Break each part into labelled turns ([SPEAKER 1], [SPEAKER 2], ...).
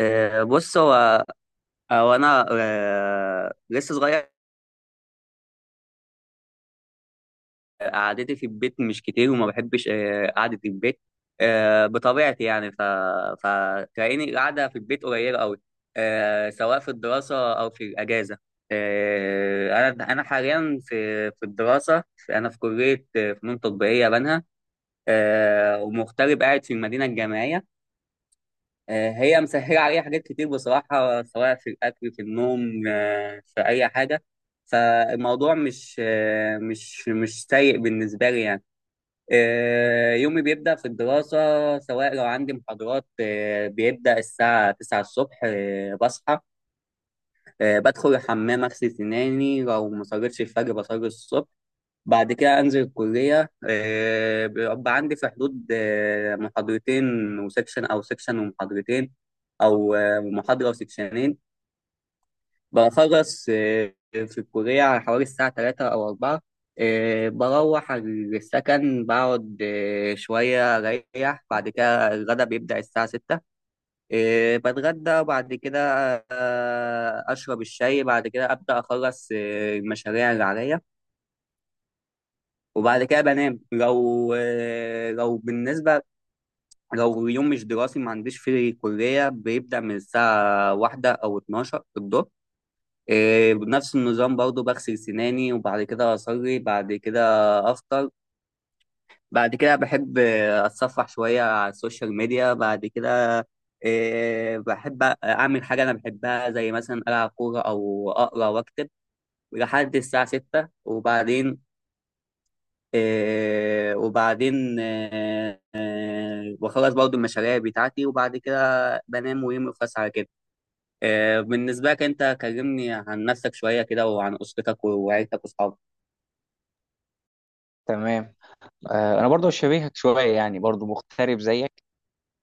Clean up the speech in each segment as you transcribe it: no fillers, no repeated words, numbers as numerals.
[SPEAKER 1] بص هو هو انا آه، لسه صغير قعدتي في البيت مش كتير وما بحبش قعدة البيت بطبيعتي يعني فتلاقيني قاعدة في البيت قليلة قوي، سواء في الدراسة أو في الأجازة. أنا حاليا في الدراسة. أنا في كلية فنون تطبيقية بنها، ومغترب قاعد في المدينة الجامعية. هي مسهلة عليا حاجات كتير بصراحة، سواء في الأكل في النوم في أي حاجة. فالموضوع مش آه، مش مش سيء بالنسبة لي يعني. يومي بيبدأ في الدراسة. سواء لو عندي محاضرات بيبدأ الساعة 9 الصبح، بصحى، بدخل الحمام أغسل سناني، لو ما صليتش الفجر بصلي الصبح. بعد كده انزل الكليه، بيبقى عندي في حدود محاضرتين وسكشن، سكشن ومحاضرتين، او محاضره وسكشنين. بخلص في الكليه على حوالي الساعه 3 او 4، بروح السكن، بقعد شويه اريح، بعد كده الغدا بيبدا الساعه 6. بتغدى، وبعد كده اشرب الشاي، بعد كده ابدا اخلص المشاريع اللي عليا، وبعد كده بنام. لو لو بالنسبة لو يوم مش دراسي ما عنديش فيه كلية، بيبدأ من الساعة واحدة أو 12 الظهر. إيه، بنفس النظام برضو، بغسل سناني وبعد كده أصلي، بعد كده أفطر، بعد كده بحب أتصفح شوية على السوشيال ميديا، بعد كده إيه، بحب أعمل حاجة أنا بحبها زي مثلا ألعب كورة أو أقرأ وأكتب لحد الساعة 6. وبعدين بخلص برضو المشاريع بتاعتي، وبعد كده بنام ويومي يخلص على كده. بالنسبة لك أنت، كلمني عن نفسك شوية كده وعن أسرتك وعيلتك وأصحابك.
[SPEAKER 2] تمام. انا برضو شبيهك شويه، يعني برضو مغترب زيك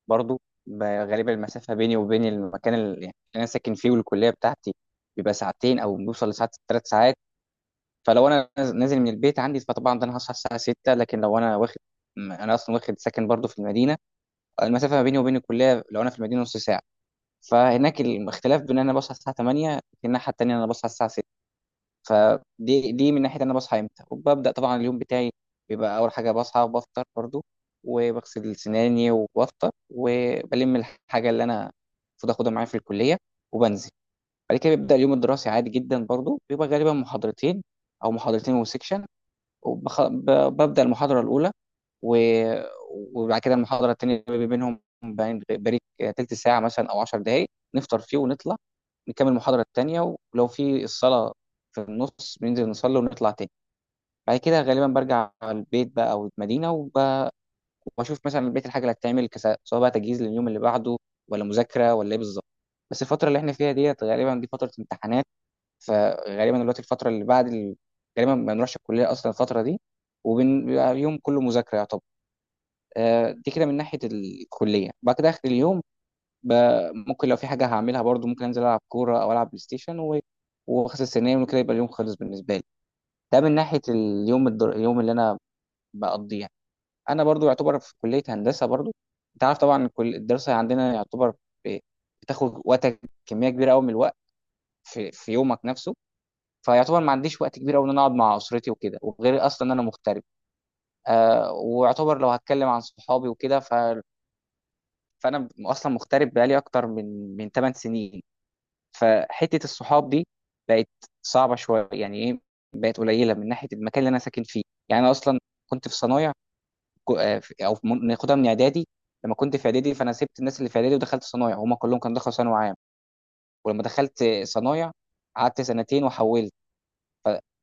[SPEAKER 2] برضو. غالبا المسافه بيني وبين المكان اللي يعني اللي انا ساكن فيه والكليه بتاعتي بيبقى ساعتين او بيوصل لساعات، 3 ساعات. فلو انا نازل من البيت عندي فطبعا ده انا هصحى الساعه 6، لكن لو انا واخد انا اصلا واخد ساكن برضو في المدينه، المسافه ما بيني وبين الكليه لو انا في المدينه نص ساعه. فهناك الاختلاف بين ان انا بصحى الساعه 8 لكن الناحيه التانيه انا بصحى الساعه. فدي من ناحيه انا بصحى امتى وببدا طبعا اليوم بتاعي. بيبقى اول حاجه بصحى وبفطر برضو، وبغسل سناني وبفطر وبلم الحاجه اللي انا المفروض اخدها معايا في الكليه، وبنزل. بعد كده بيبدا اليوم الدراسي عادي جدا، برضو بيبقى غالبا محاضرتين او محاضرتين وسكشن. وببدا المحاضره الاولى، و... وبعد كده المحاضرة التانية بيبقى بينهم بريك، تلت ساعة مثلا أو 10 دقايق، نفطر فيه ونطلع نكمل المحاضرة التانية، ولو في الصلاة في النص بننزل نصلي ونطلع تاني. بعد كده غالبا برجع على البيت بقى أو المدينة، وبشوف مثلا البيت الحاجة اللي هتتعمل، سواء بقى تجهيز لليوم اللي بعده، ولا مذاكرة ولا إيه بالظبط. بس الفترة اللي إحنا فيها ديت غالبا دي فترة امتحانات، فغالبا دلوقتي الفترة اللي بعد غالبا ما بنروحش الكلية أصلا الفترة دي، وبيبقى يوم كله مذاكرة يعتبر. دي كده من ناحيه الكليه. بعد كده اخر اليوم، ممكن لو في حاجه هعملها برضو، ممكن انزل العب كوره او العب بلاي ستيشن واغسل سناني وكده، يبقى اليوم خلص بالنسبه لي. ده من ناحيه اليوم اليوم اللي انا بقضيه. انا برضو يعتبر في كليه هندسه برضو، انت عارف طبعا كل الدراسه عندنا يعتبر ب- بتاخد وقتك كميه كبيره قوي من الوقت في يومك نفسه. فيعتبر ما عنديش وقت كبير قوي ان انا اقعد مع اسرتي وكده، وغير اصلا ان انا مغترب. آه، ويعتبر لو هتكلم عن صحابي وكده، فانا اصلا مغترب بقالي اكتر من 8 سنين. فحته الصحاب دي بقت صعبه شويه، يعني ايه، بقت قليله من ناحيه المكان اللي انا ساكن فيه. يعني انا اصلا كنت في صنايع، او في ناخدها من اعدادي. لما كنت في اعدادي فانا سبت الناس اللي في اعدادي ودخلت صنايع، وهم كلهم كانوا دخلوا ثانوي عام. ولما دخلت صنايع قعدت سنتين وحولت،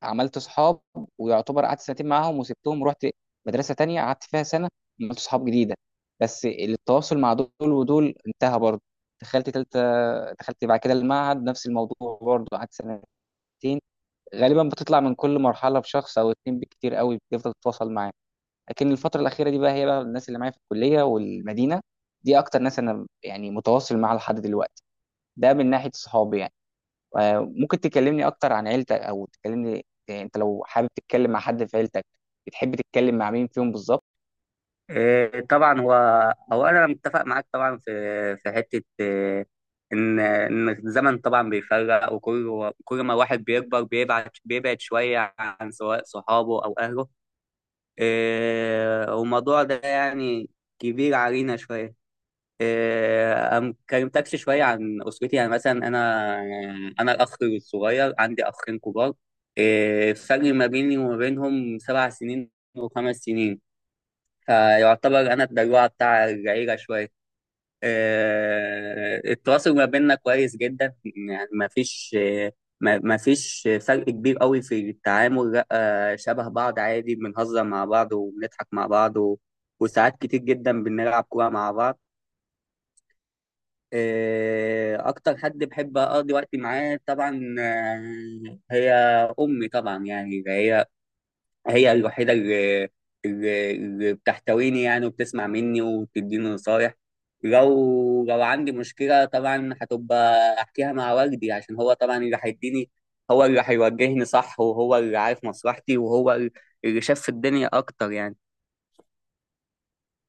[SPEAKER 2] عملت اصحاب، ويعتبر قعدت سنتين معاهم وسبتهم ورحت مدرسه تانية قعدت فيها سنه، عملت اصحاب جديده، بس التواصل مع دول ودول انتهى برضه. دخلت تالتة، دخلت بعد كده المعهد نفس الموضوع برضه، قعدت سنتين. غالبا بتطلع من كل مرحله بشخص او اتنين بالكتير قوي بتفضل تتواصل معاه. لكن الفتره الاخيره دي بقى، هي بقى الناس اللي معايا في الكليه والمدينه، دي اكتر ناس انا يعني متواصل معاها لحد دلوقتي. ده من ناحيه صحابي يعني. ممكن تكلمني اكتر عن عيلتك، او تكلمني، انت لو حابب تتكلم مع حد في عيلتك بتحب تتكلم مع مين فيهم بالظبط؟
[SPEAKER 1] طبعا، هو هو أنا متفق معاك طبعا في في حتة، إن الزمن طبعا بيفرق، وكل ما الواحد بيكبر بيبعد شوية عن سواء صحابه أو أهله. والموضوع ده يعني كبير علينا شوية. أم كلمتكش شوية عن أسرتي. يعني مثلا أنا الأخ الصغير، عندي أخين كبار. إيه، الفرق ما بيني وما بينهم 7 سنين وخمس سنين. فيعتبر أنا الدلوعة بتاع العيلة شوية. إيه، التواصل ما بيننا كويس جدا. يعني ما فيش فرق كبير قوي في التعامل، لا شبه بعض عادي، بنهزر مع بعض وبنضحك مع بعض و- وساعات كتير جدا بنلعب كورة مع بعض. أكتر حد بحب أقضي وقتي معاه طبعا هي أمي طبعا. يعني هي الوحيدة اللي بتحتويني يعني، وبتسمع مني وبتديني نصايح. لو عندي مشكلة طبعا هتبقى أحكيها مع والدي، عشان هو طبعا اللي هيديني، هو اللي هيوجهني صح وهو اللي عارف مصلحتي وهو اللي شاف في الدنيا أكتر يعني.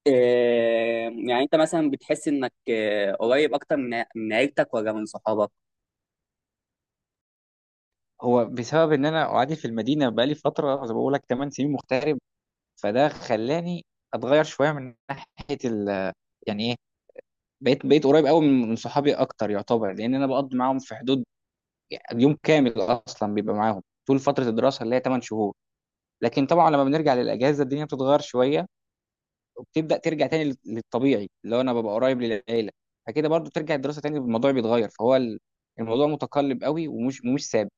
[SPEAKER 1] آه، يعني أنت مثلا بتحس إنك قريب أكتر من عيلتك ولا من صحابك؟
[SPEAKER 2] هو بسبب ان انا قاعد في المدينه بقالي فتره زي ما بقول لك 8 سنين مغترب، فده خلاني اتغير شويه من ناحيه ال، يعني ايه، بقيت قريب قوي من صحابي اكتر يعتبر، لان انا بقضي معاهم في حدود يعني يوم كامل اصلا بيبقى معاهم طول فتره الدراسه اللي هي 8 شهور. لكن طبعا لما بنرجع للاجازه الدنيا بتتغير شويه، وبتبدا ترجع تاني للطبيعي اللي هو انا ببقى قريب للعيله. فكده برضو ترجع الدراسه تاني الموضوع بيتغير، فهو الموضوع متقلب قوي ومش مش ثابت.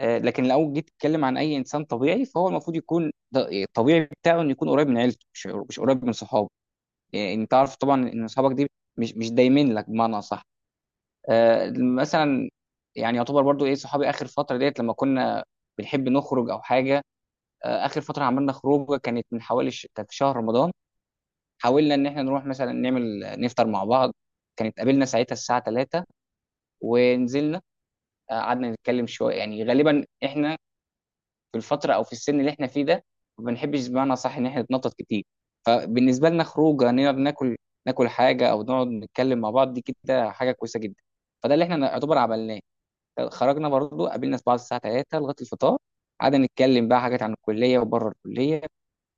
[SPEAKER 2] لكن لو جيت تتكلم عن اي انسان طبيعي، فهو المفروض يكون الطبيعي بتاعه انه يكون قريب من عيلته، مش قريب من صحابه. يعني انت عارف طبعا ان صحابك دي مش دايمين لك بمعنى اصح. مثلا يعني يعتبر برضو ايه صحابي اخر فتره ديت، لما كنا بنحب نخرج او حاجه. اخر فتره عملنا خروجه كانت من حوالي كانت في شهر رمضان. حاولنا ان احنا نروح مثلا نعمل نفطر مع بعض، كانت قابلنا ساعتها الساعه 3 ونزلنا. قعدنا نتكلم شويه، يعني غالبا احنا في الفتره او في السن اللي احنا فيه ده ما بنحبش بمعنى صح ان احنا نتنطط كتير. فبالنسبه لنا خروجه نقدر ناكل، ناكل حاجه او نقعد نتكلم مع بعض دي كده حاجه كويسه جدا. فده اللي احنا نعتبر عملناه. خرجنا برضو قابلنا في بعض الساعه 3 لغايه الفطار، قعدنا نتكلم بقى حاجات عن الكليه وبره الكليه.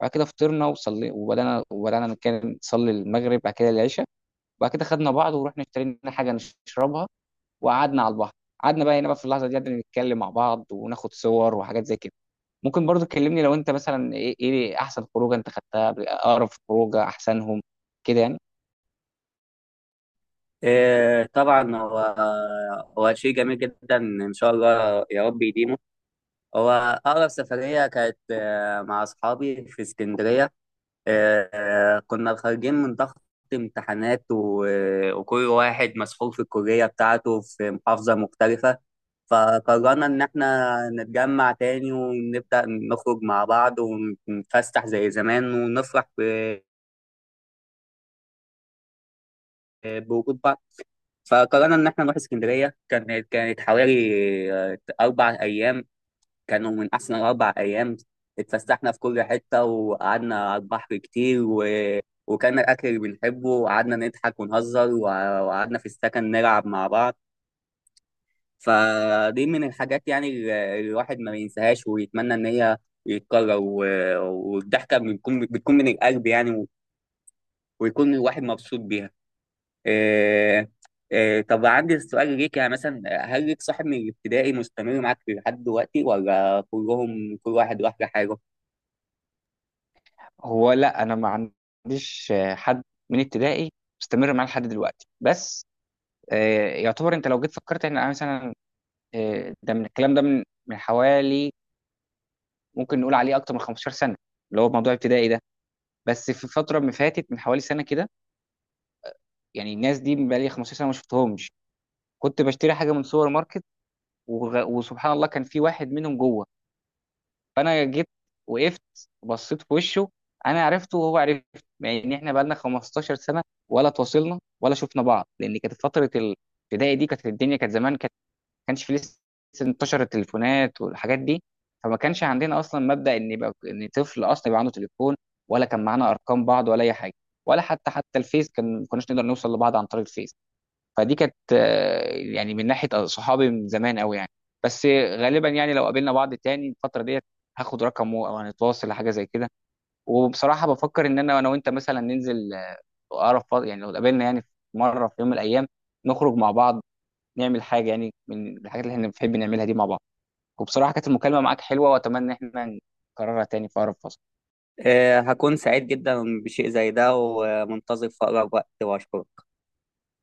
[SPEAKER 2] بعد كده فطرنا وصلي وبدانا نتكلم، نصلي المغرب بعد كده العشاء. وبعد كده خدنا بعض ورحنا اشترينا حاجه نشربها، وقعدنا على البحر. قعدنا بقى هنا بقى في اللحظه دي، قعدنا نتكلم مع بعض وناخد صور وحاجات زي كده. ممكن برضو تكلمني لو انت مثلا ايه، إيه احسن خروجه انت خدتها، اقرب خروجه احسنهم كده يعني؟
[SPEAKER 1] إيه طبعا، هو شيء جميل جدا ان شاء الله يا رب يديمه. هو اقرب سفريه كانت مع اصحابي في اسكندريه. كنا خارجين من ضغط امتحانات، و- وكل واحد مسحول في الكليه بتاعته في محافظه مختلفه. فقررنا ان احنا نتجمع تاني ونبدا نخرج مع بعض ونتفسح زي زمان ونفرح ب- بوجود بعض. فقررنا ان احنا نروح اسكندريه. كانت حوالي 4 ايام، كانوا من احسن 4 ايام. اتفسحنا في كل حته وقعدنا على البحر كتير و... وكان الاكل اللي بنحبه، وقعدنا نضحك ونهزر وع- وقعدنا في السكن نلعب مع بعض. فدي من الحاجات يعني اللي الواحد ما بينساهاش ويتمنى ان هي يتكرر و... والضحكه بتكون من القلب يعني، ويكون الواحد مبسوط بيها. آه، طب عندي سؤال ليك، يعني مثلا هل ليك صاحب من الابتدائي مستمر معاك لحد دلوقتي ولا كلهم كل واحد راح لحاله؟
[SPEAKER 2] هو لا، انا ما عنديش حد من ابتدائي مستمر معاه لحد دلوقتي بس. يعتبر انت لو جيت فكرت ان انا مثلا، ده من الكلام ده من حوالي ممكن نقول عليه اكتر من 15 سنه، اللي هو موضوع ابتدائي ده. بس في فتره ما فاتت من حوالي سنه كده، يعني الناس دي بقالي 15 سنه ما شفتهمش، كنت بشتري حاجه من سوبر ماركت وسبحان الله كان في واحد منهم جوه. فانا جيت وقفت بصيت في وشه، انا عرفته وهو عرف. يعني ان احنا بقالنا 15 سنه ولا تواصلنا ولا شفنا بعض، لان كانت فتره الابتدائي دي كانت الدنيا كانت زمان، كانت ما كانش في لسه انتشر التليفونات والحاجات دي، فما كانش عندنا اصلا مبدا ان يبقى ان طفل اصلا يبقى عنده تليفون، ولا كان معانا ارقام بعض ولا اي حاجه. ولا حتى الفيس كان، ما كناش نقدر نوصل لبعض عن طريق الفيس. فدي كانت، يعني من ناحيه صحابي من زمان قوي يعني. بس غالبا يعني لو قابلنا بعض تاني الفتره ديت، هاخد رقمه او هنتواصل لحاجه زي كده. وبصراحه بفكر ان انا وانت مثلا ننزل، اقرب فترة يعني لو قابلنا يعني في مره في يوم من الايام، نخرج مع بعض نعمل حاجه يعني من الحاجات اللي احنا بنحب نعملها دي مع بعض. وبصراحه كانت المكالمه معاك حلوه، واتمنى ان احنا نكررها تاني في اقرب فتره.
[SPEAKER 1] هكون سعيد جدا بشيء زي ده ومنتظر في أقرب وقت، وأشكرك.